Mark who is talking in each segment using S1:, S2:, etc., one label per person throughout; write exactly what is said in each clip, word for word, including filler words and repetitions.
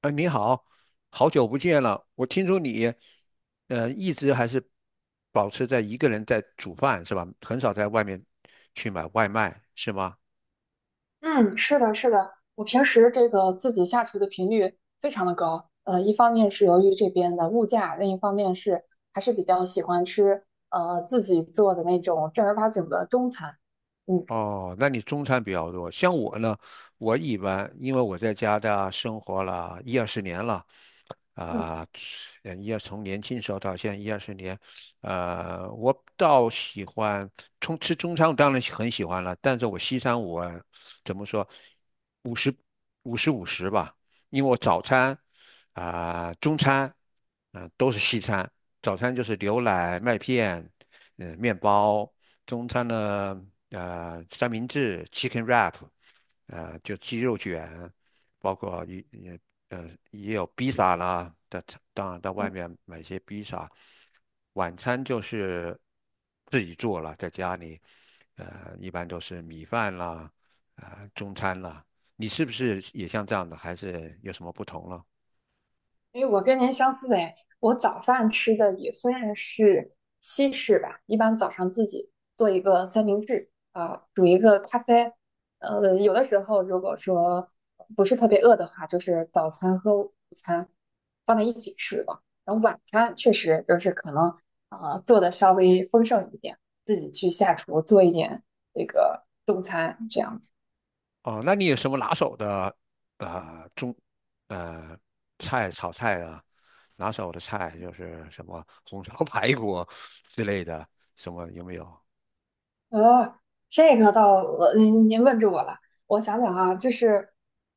S1: 哎，你好，好久不见了。我听说你，呃，一直还是保持在一个人在煮饭是吧？很少在外面去买外卖是吗？
S2: 嗯，是的，是的，我平时这个自己下厨的频率非常的高，呃，一方面是由于这边的物价，另一方面是还是比较喜欢吃呃自己做的那种正儿八经的中餐。嗯。
S1: 哦，那你中餐比较多。像我呢，我一般因为我在加拿大生活了一二十年了，
S2: 嗯。
S1: 啊、呃，一二从年轻时候到现在一二十年，呃，我倒喜欢从吃中餐，我当然喜很喜欢了，但是我西餐我怎么说，五十五十五十吧，因为我早餐、啊、中餐、啊、都是西餐，早餐就是牛奶麦片。呃，面包，中餐呢，呃，三明治（ （chicken wrap），呃，就鸡肉卷，包括也也呃也有披萨啦，在当然到外面买些披萨。晚餐就是自己做了，在家里，呃，一般都是米饭啦，啊、中餐啦。你是不是也像这样的，还是有什么不同了？
S2: 哎，我跟您相似的，我早饭吃的也算是西式吧，一般早上自己做一个三明治，啊、煮一个咖啡，呃，有的时候如果说不是特别饿的话，就是早餐和午餐放在一起吃吧。然后晚餐确实就是可能啊、呃做的稍微丰盛一点，自己去下厨做一点这个中餐这样。
S1: 哦，那你有什么拿手的呃中呃菜炒菜啊？拿手的菜就是什么红烧 排骨之类的，什么有没有？
S2: 呃，这个倒，呃您您问住我了。我想想啊，就是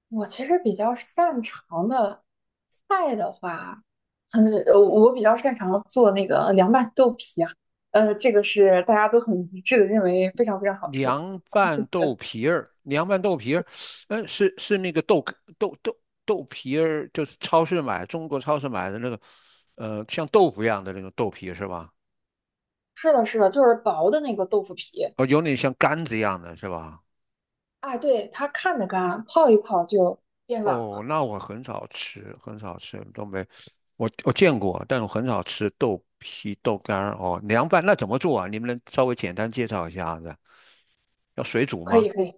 S2: 我其实比较擅长的菜的话，嗯，呃我比较擅长做那个凉拌豆皮啊。呃，这个是大家都很一致的认为非常非常好吃。
S1: 凉拌豆皮儿，凉拌豆皮儿，嗯，是是那个豆干豆豆豆皮儿，就是超市买中国超市买的那个，呃，像豆腐一样的那种豆皮是吧？
S2: 是的，是的，就是薄的那个豆腐皮。
S1: 哦，有点像干子一样的是吧？
S2: 哎，对，它看着干，泡一泡就变软
S1: 哦，
S2: 了。
S1: 那我很少吃，很少吃东北，我我见过，但我很少吃豆皮、豆干儿哦。凉拌那怎么做啊？你们能稍微简单介绍一下子？要水煮
S2: 可
S1: 吗？
S2: 以，可以。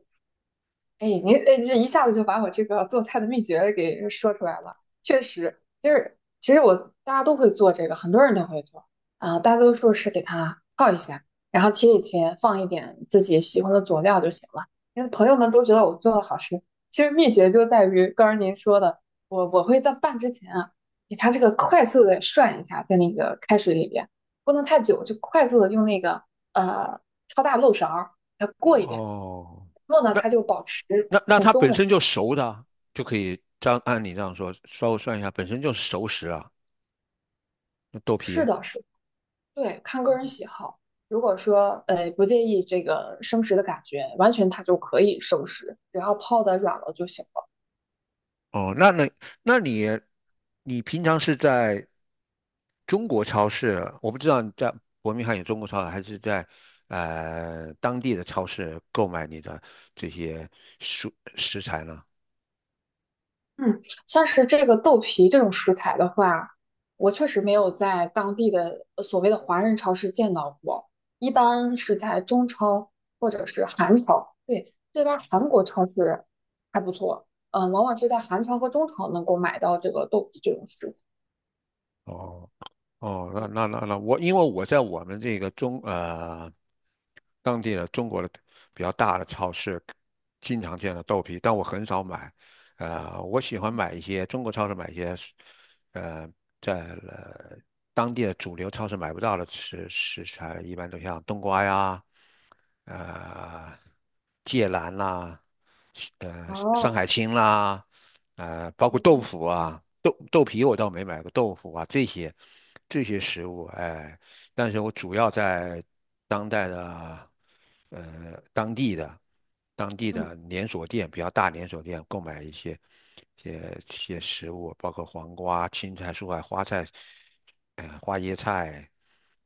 S2: 哎，您哎，这一下子就把我这个做菜的秘诀给说出来了。确实，就是其实我大家都会做这个，很多人都会做啊、大多数是给它泡一下，然后切一切，放一点自己喜欢的佐料就行了。因为朋友们都觉得我做的好吃，其实秘诀就在于刚刚您说的，我我会在拌之前啊，给它这个快速的涮一下，在那个开水里边，不能太久，就快速的用那个呃超大漏勺儿给它过一遍。
S1: 哦，
S2: 然后呢，
S1: 那
S2: 它就保持
S1: 那那
S2: 很
S1: 它
S2: 松
S1: 本
S2: 软。
S1: 身就熟的啊就可以这样按你这样说，稍微算一下，本身就是熟食啊，那豆皮。
S2: 是的，是，对，看个人喜好。如果说呃不介意这个生食的感觉，完全它就可以生食，只要泡的软了就行了。
S1: 哦，那那那你你平常是在中国超市？我不知道你在伯明翰有中国超市，还是在呃当地的超市购买你的这些蔬食材呢？
S2: 嗯，像是这个豆皮这种食材的话，我确实没有在当地的呃所谓的华人超市见到过，一般是在中超或者是韩超。对，这边儿韩国超市还不错，嗯、往往是在韩超和中超能够买到这个豆皮这种食材。
S1: 哦。哦，那
S2: 嗯
S1: 那那那我，因为我在我们这个中呃当地的中国的比较大的超市，经常见到豆皮，但我很少买。呃，我喜欢买一些中国超市买一些，呃，在呃当地的主流超市买不到的食食材，一般都像冬瓜呀，呃，芥兰啦，呃，山
S2: 哦，
S1: 海青啦，呃，包括豆
S2: 嗯
S1: 腐啊，豆豆皮我倒没买过豆腐啊，这些这些食物，哎，但是我主要在当代的呃当地的当地
S2: 嗯
S1: 的连锁店，比较大连锁店购买一些些些食物，包括黄瓜、青菜、蔬菜、花菜，呃，花椰菜，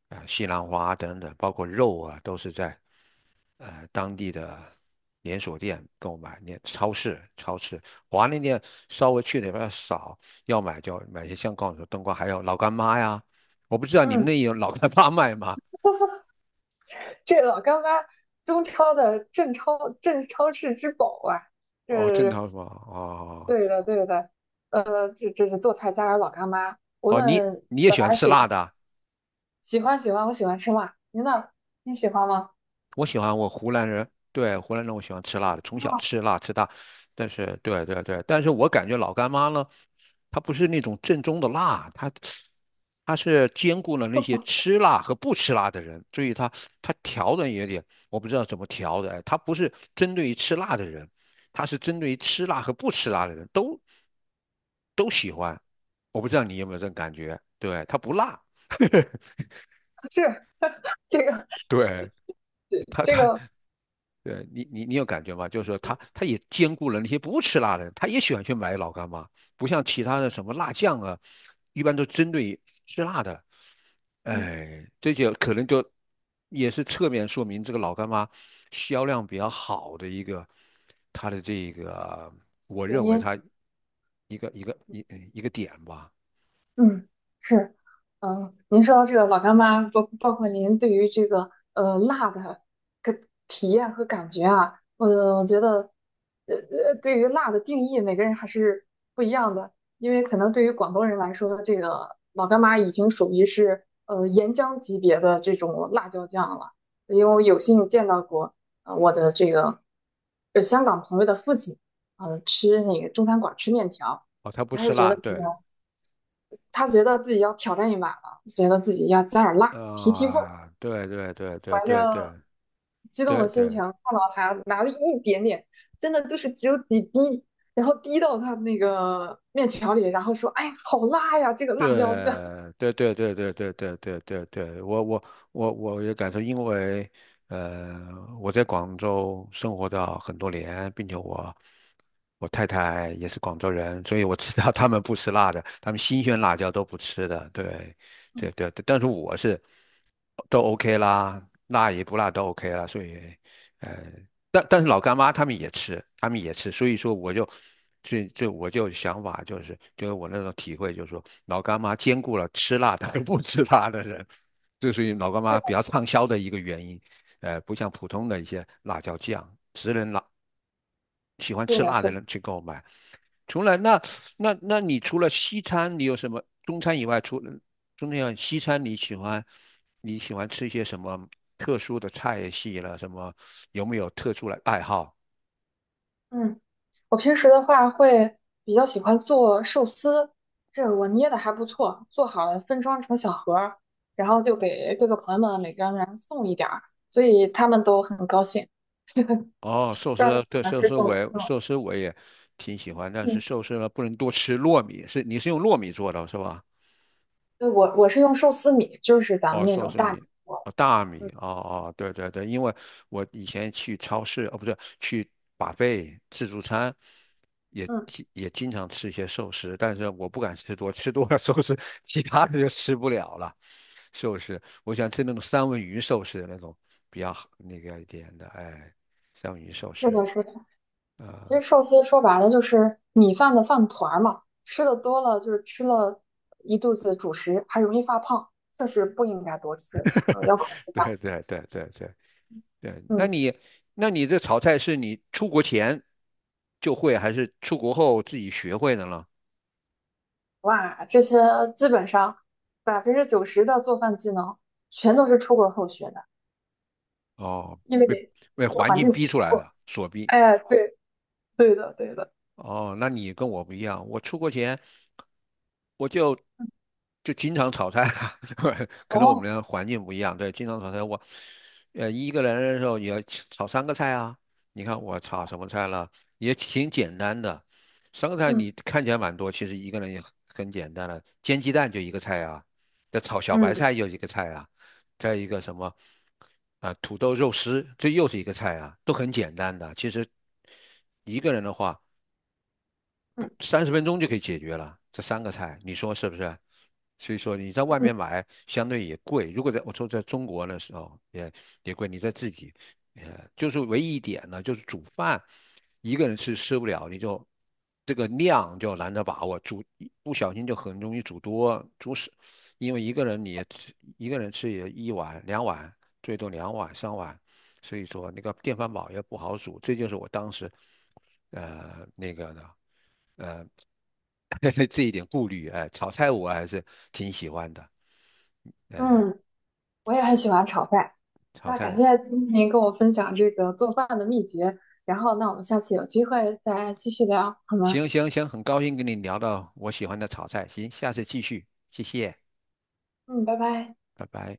S1: 啊、西兰花等等，包括肉啊，都是在。呃当地的连锁店购买，连超市超市华联店稍微去那边少，要买就买些像刚才说冬瓜，还有老干妈呀，我不知道你们
S2: 嗯，
S1: 那有老干妈卖吗？
S2: 这老干妈，中超的镇超镇超市之宝啊，这
S1: 哦，正
S2: 是
S1: 常是吧？哦
S2: 对的对的，呃，这这是做菜加点老干妈，无
S1: 哦，你
S2: 论
S1: 你也
S2: 本
S1: 喜欢
S2: 来
S1: 吃
S2: 嘴平，
S1: 辣的啊。
S2: 喜欢喜欢，我喜欢吃辣，您呢？你喜欢吗？
S1: 我喜欢，我湖南人，对，湖南人我喜欢吃辣的，从小
S2: 啊，
S1: 吃辣吃大。但是，对对对，但是我感觉老干妈呢，它不是那种正宗的辣，它它是兼顾了那些吃辣和不吃辣的人，所以它它调的也点，我不知道怎么调的，哎它不是针对于吃辣的人，它是针对于吃辣和不吃辣的人都都喜欢。我不知道你有没有这种感觉，对，它不辣，
S2: 是这个
S1: 对。
S2: 这个，
S1: 对你，你你有感觉吗？就是说他，他也兼顾了那些不吃辣的人，他也喜欢去买老干妈，不像其他的什么辣酱啊，一般都针对吃辣的。
S2: 嗯，
S1: 哎，这就可能就也是侧面说明这个老干妈销量比较好的一个，它的这个，我
S2: 原
S1: 认为
S2: 因。
S1: 它一个一个一一个点吧。
S2: 嗯，是，嗯，您说到这个老干妈，包包括您对于这个呃辣的个体验和感觉啊，我我觉得，呃呃，对于辣的定义，每个人还是不一样的，因为可能对于广东人来说，这个老干妈已经属于是呃岩浆级别的这种辣椒酱了，因为我有幸见到过，呃，我的这个呃香港朋友的父亲，呃，吃那个中餐馆儿吃面条，
S1: 哦，他不
S2: 他
S1: 吃
S2: 是觉
S1: 辣，
S2: 得这
S1: 对，
S2: 个。他觉得自己要挑战一把了，觉得自己要加点辣，提提味儿。
S1: 啊、对对对对对对
S2: 激动
S1: 对
S2: 的心
S1: 对
S2: 情看到他拿了一点点，真的就是只有几滴，然后滴到他那个面条里，然后说："哎呀，好辣呀，这个辣椒酱。
S1: 对对对对对对对对对对，我我我我也感受，因为呃我在广州生活到很多年，并且我我太太也是广州人，所以我知道 他们不吃辣的，他们新鲜辣椒都不吃的。对对对，但是我是都 OK 啦，辣与不辣都 O K 啦，所以呃但但是老干妈他们也吃，他们也吃，所以说我就，这这我就想法就是，就是我那种体会就是说，老干妈兼顾了吃辣的和不吃辣的人，这属于老干
S2: 是
S1: 妈
S2: 的
S1: 比较畅销的一个原因。呃，不像普通的一些辣椒酱，只能辣喜欢
S2: 是
S1: 吃
S2: 的，
S1: 辣
S2: 是
S1: 的
S2: 的
S1: 人去购买。除了那，那那你除了西餐，你有什么中餐以外，除了中餐以外，西餐你喜欢你喜欢吃一些什么特殊的菜系了？什么有没有特殊的爱好？
S2: 嗯。我平时的话会比较喜欢做寿司，这个我捏的还不错，做好了分装成小盒儿，然后就给各个朋友们每个人送一点儿，所以他们都很高兴。
S1: 哦，寿
S2: 不知道你
S1: 司，
S2: 喜
S1: 对
S2: 欢
S1: 寿
S2: 吃
S1: 司
S2: 寿
S1: 我
S2: 司
S1: 也
S2: 吗？
S1: 寿司我也挺喜欢，但是
S2: 嗯。
S1: 寿司呢不能多吃糯米，是你是用糯米做的是吧？
S2: 对，我我是用寿司米，就是咱
S1: 哦，
S2: 们那
S1: 寿
S2: 种
S1: 司
S2: 大米
S1: 米，
S2: 做
S1: 哦大
S2: 的。
S1: 米，
S2: 嗯
S1: 哦哦对对对，因为我以前去超市，哦不是去 buffet 自助餐，也
S2: 嗯，
S1: 经也经常吃一些寿司，但是我不敢吃多，吃多了寿司其他的就吃不了了。寿司，我想吃那种三文鱼寿司的那种比较好那个一点的，哎，三文鱼寿
S2: 是
S1: 司
S2: 的，是的。
S1: 啊。
S2: 其实
S1: 呃
S2: 寿司说白了就是米饭的饭团儿嘛，吃的多了就是吃了一肚子主食，还容易发胖，确实不应该多吃，嗯，要控制
S1: 对
S2: 量。
S1: 对对对对对，那
S2: 嗯，
S1: 你那你这炒菜是你出国前就会，还是出国后自己学会的呢？
S2: 哇，这些基本上百分之九十的做饭技能全都是出国后学的，
S1: 哦，
S2: 因为
S1: 被
S2: 这
S1: 被
S2: 个
S1: 环
S2: 环
S1: 境
S2: 境
S1: 逼
S2: 所
S1: 出来
S2: 迫。
S1: 的，所逼。
S2: 哎，对，对的，对的。
S1: 哦，那你跟我不一样，我出国前我就就经常炒菜啊，可能我们
S2: 哦，
S1: 的环境不一样，对，经常炒菜。我呃一个人的时候也要炒三个菜啊，你看我炒什么菜了，也挺简单的，三个菜
S2: 嗯
S1: 你看起来蛮多，其实一个人也很简单了，煎鸡蛋就一个菜啊，再炒小白
S2: 嗯
S1: 菜又一个菜啊，再一个什么啊土豆肉丝，这又是一个菜啊，都很简单的，其实。一个人的话，不
S2: 嗯
S1: 三十分钟就可以解决了，这三个菜，你说是不是？所以说你在外
S2: 嗯
S1: 面买相对也贵，如果在我说在中国的时候也也贵，你在自己，呃，就是唯一一点呢，就是煮饭一个人吃吃不了，你就这个量就难得把握，煮不小心就很容易煮多煮少，因为一个人你也吃一个人吃也一碗两碗，最多两碗三碗，所以说那个电饭煲也不好煮，这就是我当时呃那个呢。这一点顾虑，哎，炒菜我还是挺喜欢的。
S2: 嗯，我也很喜欢炒饭。
S1: 炒
S2: 那感
S1: 菜，
S2: 谢今天跟我分享这个做饭的秘诀，然后那我们下次有机会再继续聊，好吗？
S1: 行行行，很高兴跟你聊到我喜欢的炒菜，行，下次继续，谢谢，
S2: 嗯，拜拜。
S1: 拜拜。